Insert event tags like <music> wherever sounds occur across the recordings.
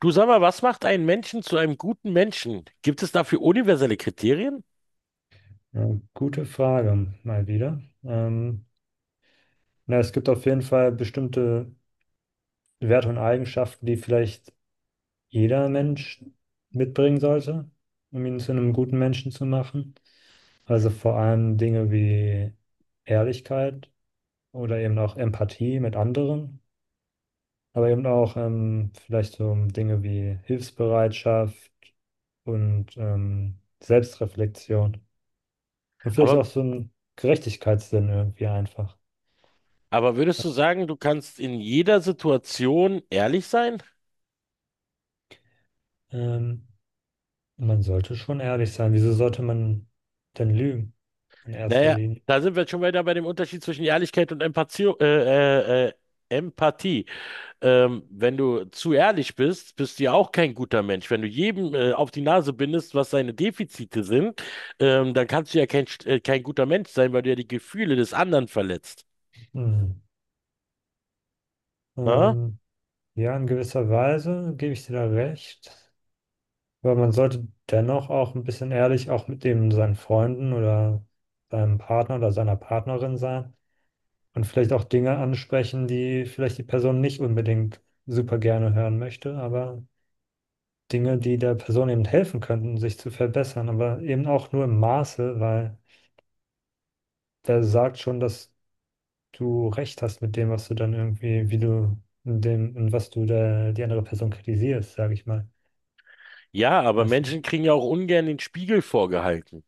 Du sag mal, was macht einen Menschen zu einem guten Menschen? Gibt es dafür universelle Kriterien? Ja, gute Frage, mal wieder. Na, es gibt auf jeden Fall bestimmte Werte und Eigenschaften, die vielleicht jeder Mensch mitbringen sollte, um ihn zu einem guten Menschen zu machen. Also vor allem Dinge wie Ehrlichkeit oder eben auch Empathie mit anderen, aber eben auch vielleicht so Dinge wie Hilfsbereitschaft und Selbstreflexion und vielleicht Aber, auch so ein Gerechtigkeitssinn irgendwie einfach. aber würdest du sagen, du kannst in jeder Situation ehrlich sein? Ähm, Man sollte schon ehrlich sein. Wieso sollte man denn lügen in erster Naja, Linie? da sind wir jetzt schon wieder bei dem Unterschied zwischen Ehrlichkeit und Empathie. Äh, äh, Empathie. Wenn du zu ehrlich bist, bist du ja auch kein guter Mensch. Wenn du jedem auf die Nase bindest, was seine Defizite sind, dann kannst du ja kein guter Mensch sein, weil du ja die Gefühle des anderen verletzt. Hm. Ähm, ja, in gewisser Weise gebe ich dir da recht. Aber man sollte dennoch auch ein bisschen ehrlich auch mit dem seinen Freunden oder seinem Partner oder seiner Partnerin sein und vielleicht auch Dinge ansprechen, die vielleicht die Person nicht unbedingt super gerne hören möchte, aber Dinge, die der Person eben helfen könnten, sich zu verbessern, aber eben auch nur im Maße, weil wer sagt schon, dass du recht hast mit dem, was du dann irgendwie, wie du in dem, in was du da die andere Person kritisierst, sage ich mal. Ja, aber Weißt du? Menschen kriegen ja auch ungern den Spiegel vorgehalten.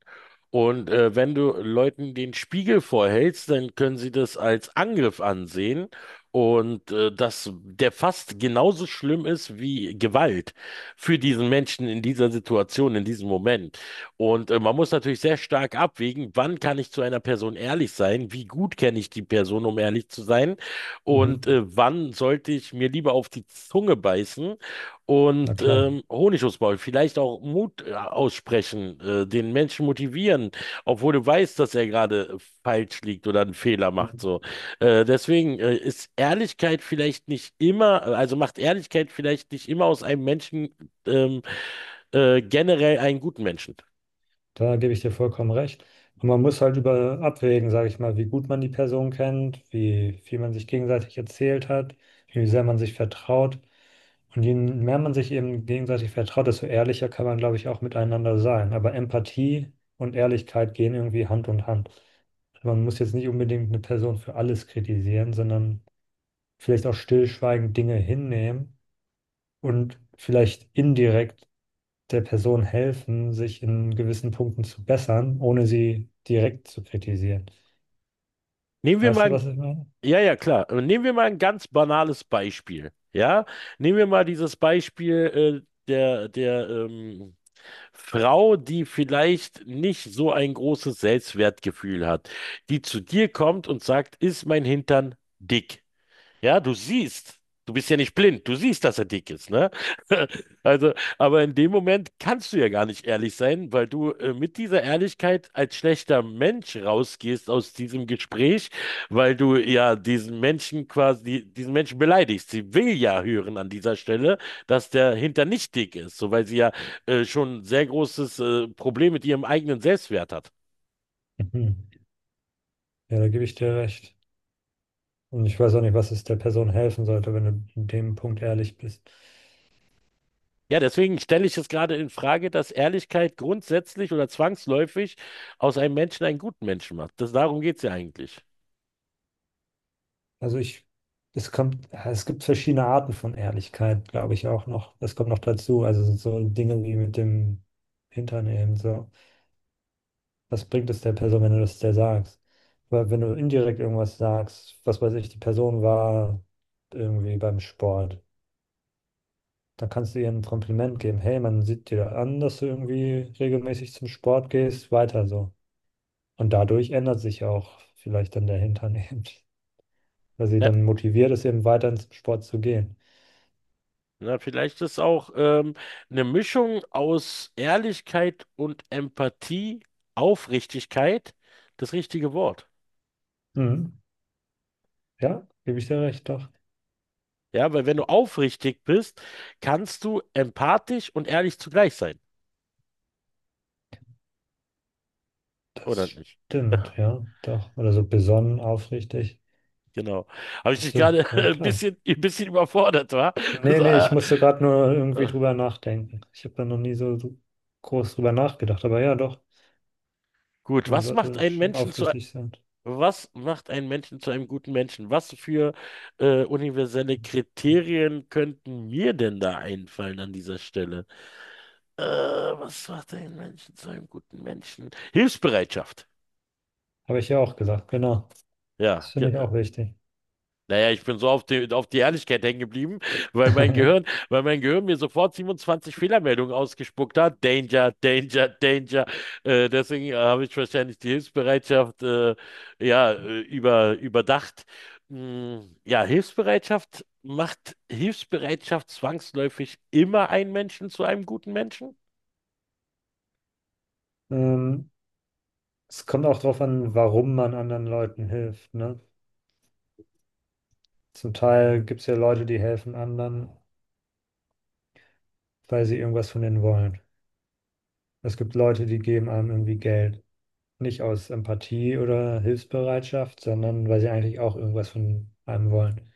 Und wenn du Leuten den Spiegel vorhältst, dann können sie das als Angriff ansehen und der fast genauso schlimm ist wie Gewalt für diesen Menschen in dieser Situation, in diesem Moment. Und man muss natürlich sehr stark abwägen, wann kann ich zu einer Person ehrlich sein, wie gut kenne ich die Person, um ehrlich zu sein, und Mhm. Wann sollte ich mir lieber auf die Zunge beißen Na und klar. Honig ums Maul, vielleicht auch Mut aussprechen, den Menschen motivieren, obwohl du weißt, dass er gerade falsch liegt oder einen Fehler macht. So. Deswegen ist Ehrlichkeit vielleicht nicht immer, also macht Ehrlichkeit vielleicht nicht immer aus einem Menschen ähm, generell einen guten Menschen. Da gebe ich dir vollkommen recht. Und man muss halt über abwägen, sage ich mal, wie gut man die Person kennt, wie viel man sich gegenseitig erzählt hat, wie sehr man sich vertraut. Und je mehr man sich eben gegenseitig vertraut, desto ehrlicher kann man, glaube ich, auch miteinander sein. Aber Empathie und Ehrlichkeit gehen irgendwie Hand in Hand. Man muss jetzt nicht unbedingt eine Person für alles kritisieren, sondern vielleicht auch stillschweigend Dinge hinnehmen und vielleicht indirekt der Person helfen, sich in gewissen Punkten zu bessern, ohne sie direkt zu kritisieren. Nehmen wir Weißt du, mal, was ich meine? Ja, klar. Nehmen wir mal ein ganz banales Beispiel. Ja, nehmen wir mal dieses Beispiel Frau, die vielleicht nicht so ein großes Selbstwertgefühl hat, die zu dir kommt und sagt, ist mein Hintern dick? Ja, du siehst. Du bist ja nicht blind. Du siehst, dass er dick ist, ne? <laughs> Also, aber in dem Moment kannst du ja gar nicht ehrlich sein, weil du mit dieser Ehrlichkeit als schlechter Mensch rausgehst aus diesem Gespräch, weil du ja diesen Menschen beleidigst. Sie will ja hören an dieser Stelle, dass der Hintern nicht dick ist, so weil sie ja schon ein sehr großes Problem mit ihrem eigenen Selbstwert hat. Mhm. Ja, da gebe ich dir recht. Und ich weiß auch nicht, was es der Person helfen sollte, wenn du in dem Punkt ehrlich bist. Ja, deswegen stelle ich es gerade in Frage, dass Ehrlichkeit grundsätzlich oder zwangsläufig aus einem Menschen einen guten Menschen macht. Darum geht es ja eigentlich. Also ich, es kommt, es gibt verschiedene Arten von Ehrlichkeit, glaube ich auch noch. Das kommt noch dazu. Also so Dinge wie mit dem Hintern eben so. Was bringt es der Person, wenn du das der sagst? Weil wenn du indirekt irgendwas sagst, was weiß ich, die Person war irgendwie beim Sport, dann kannst du ihr ein Kompliment geben. Hey, man sieht dir an, dass du irgendwie regelmäßig zum Sport gehst, weiter so. Und dadurch ändert sich auch vielleicht dann der Hintern eben, <laughs> weil sie Ja, dann motiviert ist, eben weiter ins Sport zu gehen. na, vielleicht ist auch eine Mischung aus Ehrlichkeit und Empathie, Aufrichtigkeit das richtige Wort. Mhm. Ja, gebe ich dir recht, doch. Ja, weil wenn du aufrichtig bist, kannst du empathisch und ehrlich zugleich sein, Das oder nicht? stimmt, ja, doch. Oder so besonnen, aufrichtig. Genau. Habe ich dich Bist du, gerade <laughs> aber ein klar. bisschen, ein bisschen überfordert, war? <laughs> Nee, So, nee, äh, ich musste gerade nur irgendwie äh, drüber nachdenken. Ich habe da noch nie so groß drüber nachgedacht, aber ja, doch, gut, man was macht sollte einen schon Menschen zu aufrichtig sein. Was macht einen Menschen zu einem guten Menschen? Was für universelle Kriterien könnten mir denn da einfallen an dieser Stelle? Was macht einen Menschen zu einem guten Menschen? Hilfsbereitschaft. Habe ich ja auch gesagt, genau. Das Ja, ge- finde ich äh, auch wichtig. Naja, ich bin so auf die Ehrlichkeit hängen geblieben, weil mein Gehirn, <laughs> weil mein Gehirn mir sofort 27 Fehlermeldungen ausgespuckt hat. Danger, Danger, Danger. Deswegen habe ich wahrscheinlich die Hilfsbereitschaft überdacht. Ja, Hilfsbereitschaft macht Hilfsbereitschaft zwangsläufig immer einen Menschen zu einem guten Menschen? Ähm, es kommt auch darauf an, warum man anderen Leuten hilft, ne? Zum Teil gibt es ja Leute, die helfen anderen, weil sie irgendwas von denen wollen. Es gibt Leute, die geben einem irgendwie Geld. Nicht aus Empathie oder Hilfsbereitschaft, sondern weil sie eigentlich auch irgendwas von einem wollen.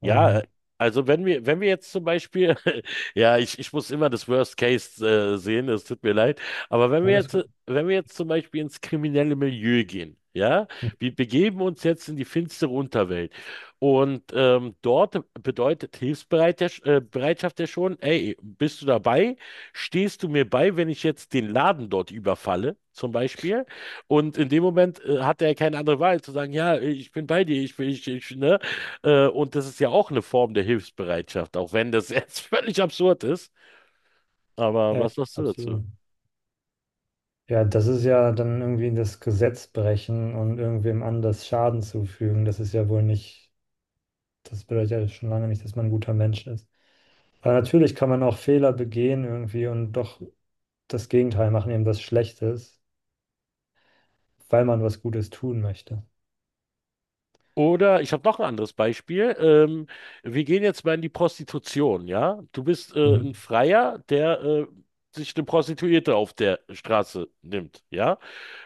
Ja, äh, Und wenn wir jetzt zum Beispiel, <laughs> ich muss immer das Worst Case sehen, es tut mir leid, alles gut. wenn wir jetzt zum Beispiel ins kriminelle Milieu gehen, ja, wir begeben uns jetzt in die finstere Unterwelt und dort bedeutet Hilfsbereitschaft Bereitschaft ja schon, ey, bist du dabei? Stehst du mir bei, wenn ich jetzt den Laden dort überfalle? Zum Beispiel. Und in dem Moment hat er keine andere Wahl zu sagen, ja, ich bin bei dir, ich bin, ich, ne? Und das ist ja auch eine Form der Hilfsbereitschaft, auch wenn das jetzt <laughs> völlig absurd ist. Aber Ja, was sagst du dazu? absolut. Ja, das ist ja dann irgendwie das Gesetz brechen und irgendwem anders Schaden zufügen. Das ist ja wohl nicht, das bedeutet ja schon lange nicht, dass man ein guter Mensch ist. Aber natürlich kann man auch Fehler begehen irgendwie und doch das Gegenteil machen, eben was Schlechtes, weil man was Gutes tun möchte. Oder ich habe noch ein anderes Beispiel. Wir gehen jetzt mal in die Prostitution, ja? Du bist ein Mhm. Freier, der sich eine Prostituierte auf der Straße nimmt, ja?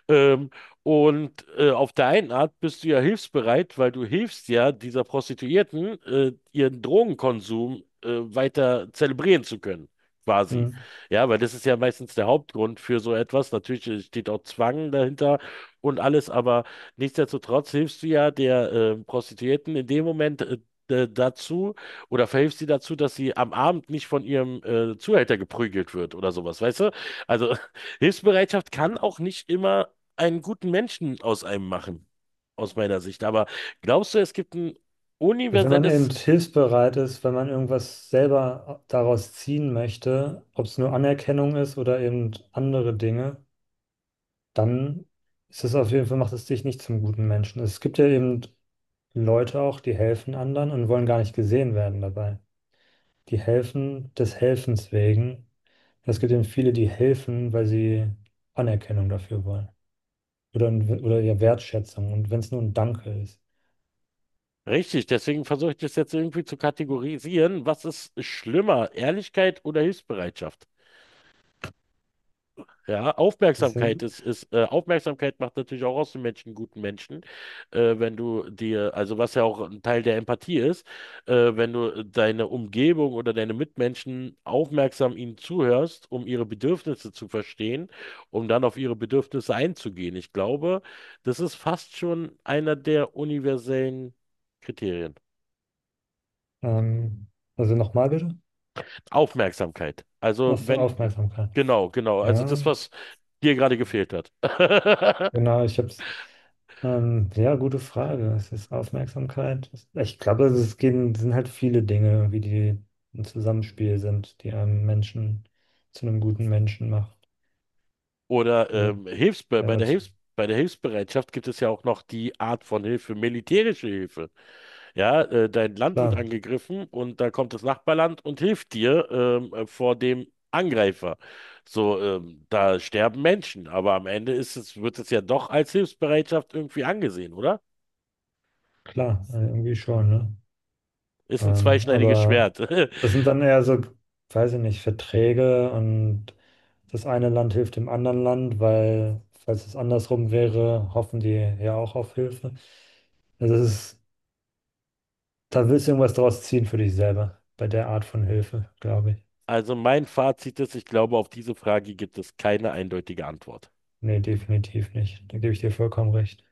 Ähm, und auf der einen Art bist du ja hilfsbereit, weil du hilfst ja dieser Prostituierten, ihren Drogenkonsum weiter zelebrieren zu können, quasi. Mhm. Ja, weil das ist ja meistens der Hauptgrund für so etwas. Natürlich steht auch Zwang dahinter und alles, aber nichtsdestotrotz hilfst du ja der Prostituierten in dem Moment dazu oder verhilfst sie dazu, dass sie am Abend nicht von ihrem Zuhälter geprügelt wird oder sowas, weißt du? Also <laughs> Hilfsbereitschaft kann auch nicht immer einen guten Menschen aus einem machen, aus meiner Sicht. Aber glaubst du, es gibt ein Ja, wenn man eben universelles hilfsbereit ist, wenn man irgendwas selber daraus ziehen möchte, ob es nur Anerkennung ist oder eben andere Dinge, dann ist es auf jeden Fall, macht es dich nicht zum guten Menschen. Es gibt ja eben Leute auch, die helfen anderen und wollen gar nicht gesehen werden dabei. Die helfen des Helfens wegen. Es gibt eben viele, die helfen, weil sie Anerkennung dafür wollen. Oder, ja, Wertschätzung. Und wenn es nur ein Danke ist. Deswegen versuche ich das jetzt irgendwie zu kategorisieren. Was ist schlimmer, Ehrlichkeit oder Hilfsbereitschaft? Ja, Das Aufmerksamkeit sind, ist, ist Aufmerksamkeit macht natürlich auch aus dem Menschen einen guten Menschen, wenn du dir, also was ja auch ein Teil der Empathie ist, wenn du deine Umgebung oder deine Mitmenschen aufmerksam ihnen zuhörst, um ihre Bedürfnisse zu verstehen, um dann auf ihre Bedürfnisse einzugehen. Ich glaube, das ist fast schon einer der universellen Kriterien. ähm, also nochmal bitte, Aufmerksamkeit. Also was zur wenn, Aufmerksamkeit. genau, genau, also das, Ja, was dir gerade gefehlt hat. <laughs> genau, ich habe es. Ja, gute Frage. Es ist Aufmerksamkeit. Es- Ich glaube, also es gehen, sind halt viele Dinge, wie die ein Zusammenspiel sind, die einen Menschen zu einem guten Menschen macht. Oder Also, ja, nat- Hilfs bei der Hilfsbereitschaft gibt es ja auch noch die Art von Hilfe, militärische Hilfe. Ja, dein Land wird klar, angegriffen und da kommt das Nachbarland und hilft dir vor dem Angreifer. So, da sterben Menschen, aber am Ende wird es ja doch als Hilfsbereitschaft irgendwie angesehen, oder? klar, irgendwie schon, ne? Ist ein zweischneidiges Aber Schwert. das <laughs> sind dann eher so, weiß ich nicht, Verträge und das eine Land hilft dem anderen Land, weil, falls es andersrum wäre, hoffen die ja auch auf Hilfe. Also es, da willst du irgendwas draus ziehen für dich selber, bei der Art von Hilfe, glaube ich. Also mein Fazit ist, ich glaube, auf diese Frage gibt es keine eindeutige Antwort. Nee, definitiv nicht. Da gebe ich dir vollkommen recht.